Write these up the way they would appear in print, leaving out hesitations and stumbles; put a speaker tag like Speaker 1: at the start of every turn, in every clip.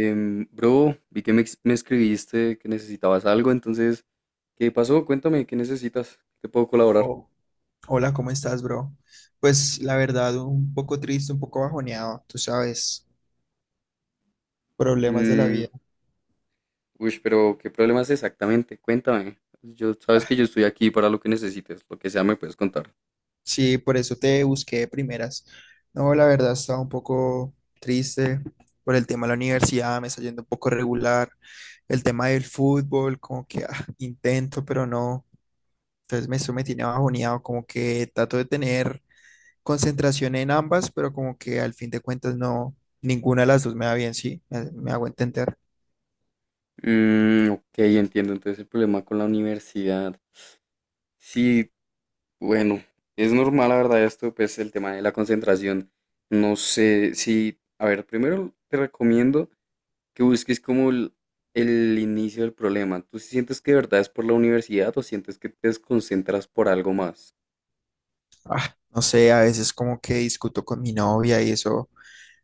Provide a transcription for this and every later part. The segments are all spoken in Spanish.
Speaker 1: Bro, vi que me escribiste que necesitabas algo, entonces, ¿qué pasó? Cuéntame, ¿qué necesitas? ¿Te puedo colaborar?
Speaker 2: Oh, hola, ¿cómo estás, bro? Pues la verdad, un poco triste, un poco bajoneado, tú sabes, problemas de la
Speaker 1: Mm,
Speaker 2: vida.
Speaker 1: Uy, pero ¿qué problemas exactamente? Cuéntame. Sabes que yo estoy aquí para lo que necesites, lo que sea me puedes contar.
Speaker 2: Sí, por eso te busqué de primeras. No, la verdad, estaba un poco triste por el tema de la universidad, me está yendo un poco regular. El tema del fútbol, como que intento, pero no. Entonces eso me tiene bajoneado, como que trato de tener concentración en ambas, pero como que al fin de cuentas no, ninguna de las dos me va bien, sí, me hago entender.
Speaker 1: Ok, entiendo. Entonces el problema con la universidad. Sí, bueno, es normal, la verdad, esto, pues el tema de la concentración. No sé si, a ver, primero te recomiendo que busques como el inicio del problema. ¿Tú sí sientes que de verdad es por la universidad o sientes que te desconcentras por algo más?
Speaker 2: No sé, a veces como que discuto con mi novia y eso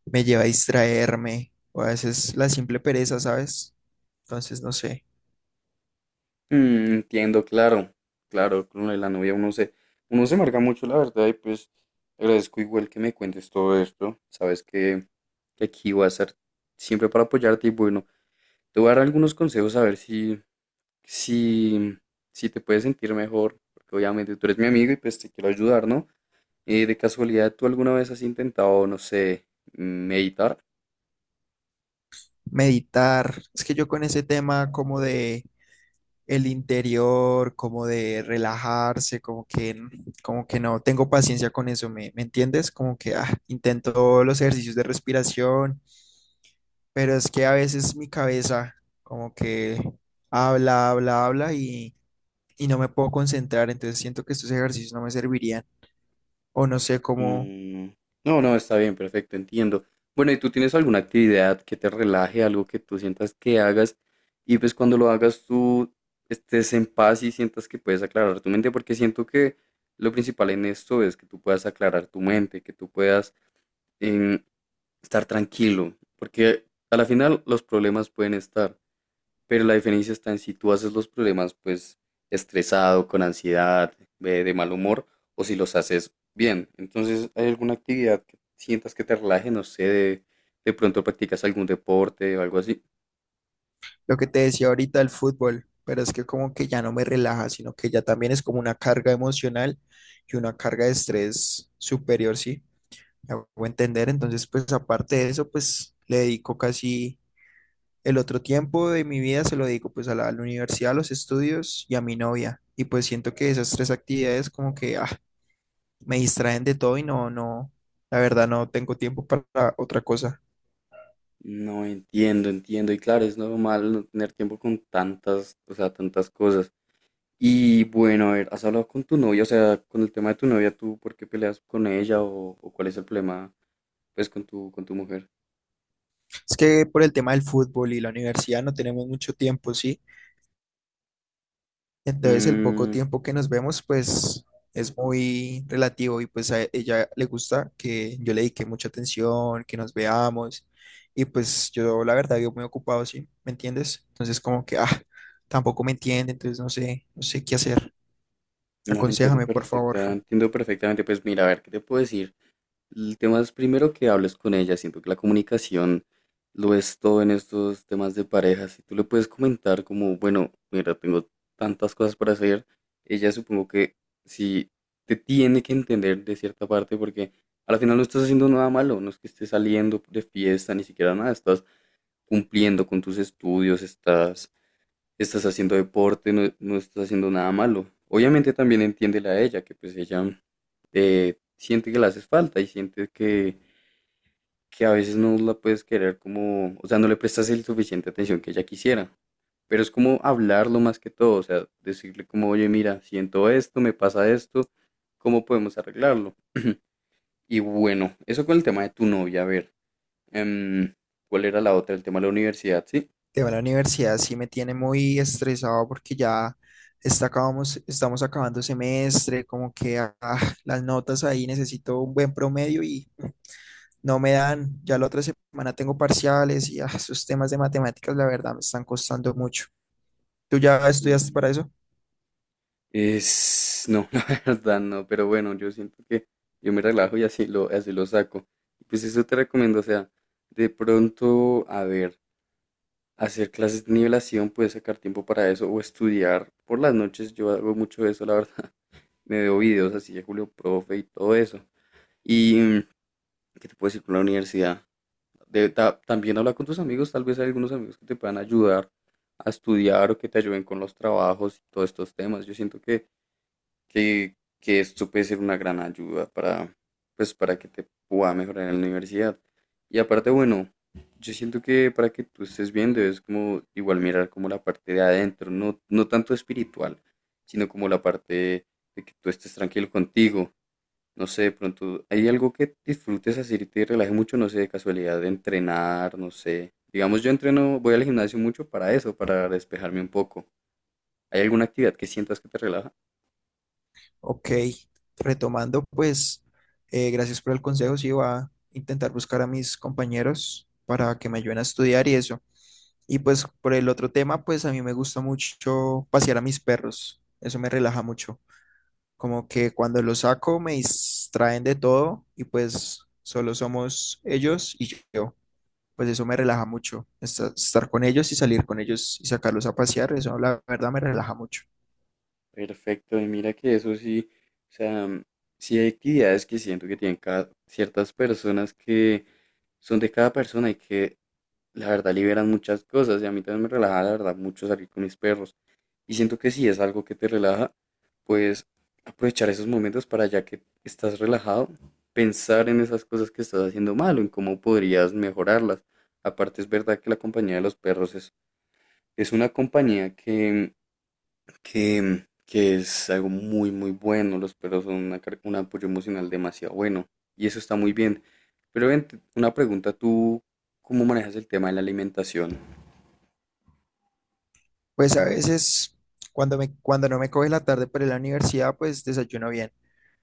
Speaker 2: me lleva a distraerme, o a veces la simple pereza, ¿sabes? Entonces, no sé,
Speaker 1: Entiendo, claro, claro, con lo de la novia uno se marca mucho, la verdad, y pues agradezco igual que me cuentes todo esto. Sabes que aquí voy a estar siempre para apoyarte y bueno, te voy a dar algunos consejos a ver si, si te puedes sentir mejor, porque obviamente tú eres mi amigo y pues te quiero ayudar, ¿no? De casualidad, ¿tú alguna vez has intentado, no sé, meditar?
Speaker 2: meditar. Es que yo con ese tema como de el interior, como de relajarse, como que no tengo paciencia con eso, ¿me entiendes? Como que intento los ejercicios de respiración, pero es que a veces mi cabeza como que habla, habla, habla y no me puedo concentrar, entonces siento que estos ejercicios no me servirían. O no sé cómo
Speaker 1: Mm, No, no, está bien, perfecto, entiendo. Bueno, ¿y tú tienes alguna actividad que te relaje, algo que tú sientas que hagas y pues cuando lo hagas tú estés en paz y sientas que puedes aclarar tu mente? Porque siento que lo principal en esto es que tú puedas aclarar tu mente, que tú puedas em, estar tranquilo, porque a la final los problemas pueden estar. Pero la diferencia está en si tú haces los problemas pues estresado, con ansiedad, de mal humor, o si los haces bien. Entonces, ¿hay alguna actividad que sientas que te relaje? No sé, de pronto practicas algún deporte o algo así.
Speaker 2: lo que te decía ahorita del fútbol, pero es que como que ya no me relaja, sino que ya también es como una carga emocional y una carga de estrés superior, ¿sí? Me hago entender, entonces pues aparte de eso, pues le dedico casi el otro tiempo de mi vida, se lo dedico pues a la universidad, a los estudios y a mi novia. Y pues siento que esas tres actividades como que me distraen de todo y no, no, la verdad no tengo tiempo para otra cosa.
Speaker 1: No, entiendo, entiendo. Y claro, es normal no tener tiempo con tantas, o sea, tantas cosas. Y bueno, a ver, ¿has hablado con tu novia? O sea, con el tema de tu novia, ¿tú por qué peleas con ella o cuál es el problema, pues, con tu mujer?
Speaker 2: Es que por el tema del fútbol y la universidad no tenemos mucho tiempo, ¿sí? Entonces el poco
Speaker 1: Mm,
Speaker 2: tiempo que nos vemos, pues es muy relativo y pues a ella le gusta que yo le dedique mucha atención, que nos veamos y pues yo la verdad vivo muy ocupado, ¿sí? ¿Me entiendes? Entonces como que, tampoco me entiende, entonces no sé, no sé qué hacer.
Speaker 1: No, entiendo
Speaker 2: Aconséjame, por favor.
Speaker 1: perfecta, entiendo perfectamente. Pues mira, a ver, ¿qué te puedo decir? El tema es primero que hables con ella. Siento que la comunicación lo es todo en estos temas de pareja. Si tú le puedes comentar como, bueno, mira, tengo tantas cosas para hacer, ella supongo que sí te tiene que entender de cierta parte porque al final no estás haciendo nada malo, no es que estés saliendo de fiesta, ni siquiera nada, estás cumpliendo con tus estudios, estás haciendo deporte, no, no estás haciendo nada malo. Obviamente también entiéndela a ella, que pues ella siente que le haces falta y siente que a veces no la puedes querer como, o sea, no le prestas el suficiente atención que ella quisiera. Pero es como hablarlo más que todo, o sea, decirle como, oye, mira, siento esto, me pasa esto, ¿cómo podemos arreglarlo? Y bueno, eso con el tema de tu novia, a ver, em, ¿cuál era la otra? El tema de la universidad, ¿sí?
Speaker 2: Tema de la universidad sí me tiene muy estresado porque ya estamos acabando semestre, como que las notas ahí necesito un buen promedio y no me dan. Ya la otra semana tengo parciales y esos temas de matemáticas, la verdad, me están costando mucho. ¿Tú ya estudiaste para
Speaker 1: Mm,
Speaker 2: eso?
Speaker 1: Es, no, la verdad no, pero bueno, yo siento que yo me relajo y así lo saco. Pues eso te recomiendo, o sea, de pronto, a ver, hacer clases de nivelación, puedes sacar tiempo para eso o estudiar por las noches, yo hago mucho eso, la verdad. Me veo videos así de Julio Profe y todo eso. Y qué te puedo decir con la universidad. También habla con tus amigos, tal vez hay algunos amigos que te puedan ayudar a estudiar o que te ayuden con los trabajos y todos estos temas. Yo siento que, que esto puede ser una gran ayuda pues, para que te pueda mejorar en la universidad. Y aparte, bueno, yo siento que para que tú estés viendo es como igual mirar como la parte de adentro, no, no tanto espiritual, sino como la parte de que tú estés tranquilo contigo. No sé, de pronto hay algo que disfrutes hacer y te relaje mucho, no sé, de casualidad, de entrenar, no sé. Digamos, yo entreno, voy al gimnasio mucho para eso, para despejarme un poco. ¿Hay alguna actividad que sientas que te relaja?
Speaker 2: Ok, retomando, pues, gracias por el consejo. Sí, voy a intentar buscar a mis compañeros para que me ayuden a estudiar y eso. Y pues por el otro tema, pues a mí me gusta mucho pasear a mis perros. Eso me relaja mucho. Como que cuando los saco me distraen de todo y pues solo somos ellos y yo. Pues eso me relaja mucho. Estar con ellos y salir con ellos y sacarlos a pasear, eso la verdad me relaja mucho.
Speaker 1: Perfecto, y mira que eso sí, o sea, sí hay actividades que siento que tienen ciertas personas que son de cada persona y que la verdad liberan muchas cosas y a mí también me relaja la verdad mucho salir con mis perros y siento que si es algo que te relaja, pues aprovechar esos momentos para ya que estás relajado, pensar en esas cosas que estás haciendo mal o en cómo podrías mejorarlas. Aparte es verdad que la compañía de los perros es una compañía que que es algo muy, muy bueno. Los perros son un apoyo emocional demasiado bueno y eso está muy bien. Pero ven, una pregunta, ¿tú cómo manejas el tema de la alimentación?
Speaker 2: Pues a veces cuando no me coge la tarde para ir a la universidad, pues desayuno bien.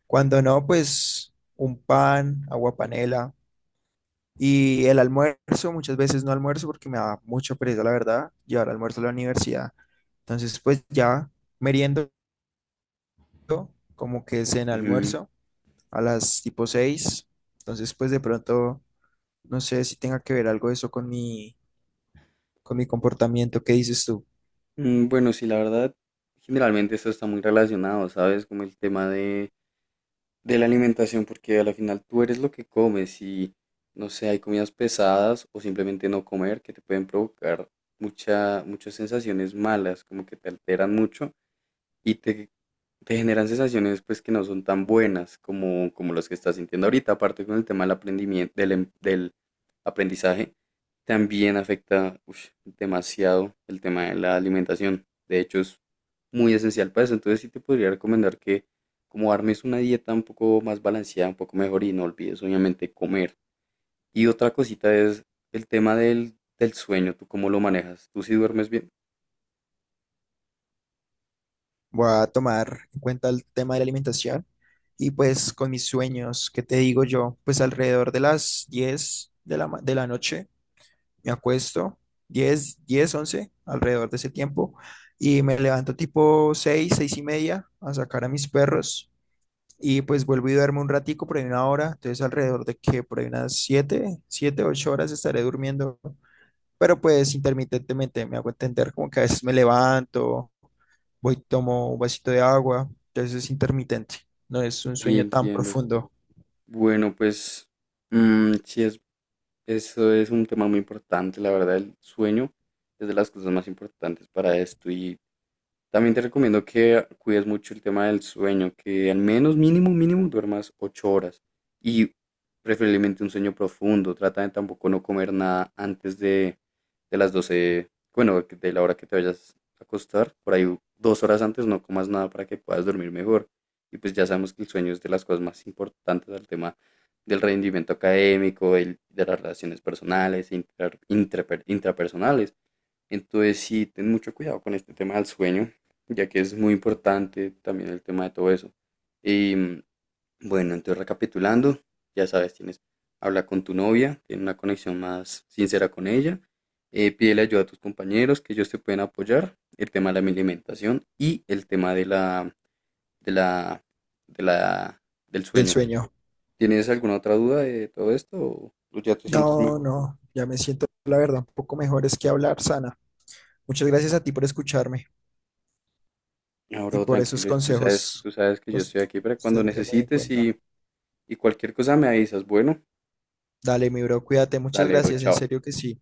Speaker 2: Cuando no, pues un pan, agua panela. Y el almuerzo, muchas veces no almuerzo porque me da mucha pereza, la verdad, llevar almuerzo a la universidad. Entonces, pues ya meriendo como que es en
Speaker 1: Ujú.
Speaker 2: almuerzo a las tipo 6. Entonces, pues de pronto, no sé si tenga que ver algo eso con mi comportamiento. ¿Qué dices tú?
Speaker 1: Bueno, sí, la verdad, generalmente esto está muy relacionado, ¿sabes? Como el tema de la alimentación, porque a la final tú eres lo que comes y, no sé, hay comidas pesadas o simplemente no comer que te pueden provocar muchas sensaciones malas, como que te alteran mucho y te generan sensaciones pues que no son tan buenas como, como las que estás sintiendo ahorita, aparte con el tema del aprendimiento, del aprendizaje, también afecta ush, demasiado el tema de la alimentación. De hecho, es muy esencial para eso. Entonces sí te podría recomendar que como armes una dieta un poco más balanceada, un poco mejor y no olvides obviamente comer. Y otra cosita es el tema del sueño, ¿tú cómo lo manejas? ¿Tú sí duermes bien?
Speaker 2: Voy a tomar en cuenta el tema de la alimentación y pues con mis sueños, ¿qué te digo yo? Pues alrededor de las 10 de la noche me acuesto, 10 10 11 alrededor de ese tiempo, y me levanto tipo 6 6:30 a sacar a mis perros y pues vuelvo y duermo un ratico por ahí una hora, entonces alrededor de que por ahí unas 7 7 8 horas estaré durmiendo, pero pues intermitentemente me hago entender como que a veces me levanto. Voy, tomo un vasito de agua, entonces es intermitente, no es un
Speaker 1: Y
Speaker 2: sueño tan
Speaker 1: entiendo.
Speaker 2: profundo
Speaker 1: Bueno, pues... sí es Eso es un tema muy importante, la verdad, el sueño es de las cosas más importantes para esto y también te recomiendo que cuides mucho el tema del sueño, que al menos mínimo, mínimo duermas 8 horas y preferiblemente un sueño profundo. Trata de tampoco no comer nada de las 12 bueno, de la hora que te vayas a acostar. Por ahí 2 horas antes no comas nada para que puedas dormir mejor. Y pues ya sabemos que el sueño es de las cosas más importantes al tema del rendimiento académico, de las relaciones personales, e intrapersonales. Entonces sí, ten mucho cuidado con este tema del sueño ya que es muy importante también el tema de todo eso. Y bueno, entonces recapitulando, ya sabes, tienes, habla con tu novia, tiene una conexión más sincera con ella, pídele ayuda a tus compañeros que ellos te pueden apoyar, el tema de la alimentación y el tema de la, de la, del
Speaker 2: del
Speaker 1: sueño.
Speaker 2: sueño.
Speaker 1: ¿Tienes alguna otra duda de todo esto o ya te sientes
Speaker 2: No,
Speaker 1: mejor?
Speaker 2: no, ya me siento, la verdad, un poco mejor es que hablar sana. Muchas gracias a ti por escucharme y
Speaker 1: Ahora
Speaker 2: por esos
Speaker 1: tranquilo,
Speaker 2: consejos,
Speaker 1: tú sabes que yo
Speaker 2: los
Speaker 1: estoy aquí para
Speaker 2: los
Speaker 1: cuando
Speaker 2: tendré muy en
Speaker 1: necesites
Speaker 2: cuenta.
Speaker 1: y cualquier cosa me avisas. Bueno,
Speaker 2: Dale, mi bro, cuídate, muchas
Speaker 1: dale, bro,
Speaker 2: gracias, en
Speaker 1: chao.
Speaker 2: serio que sí.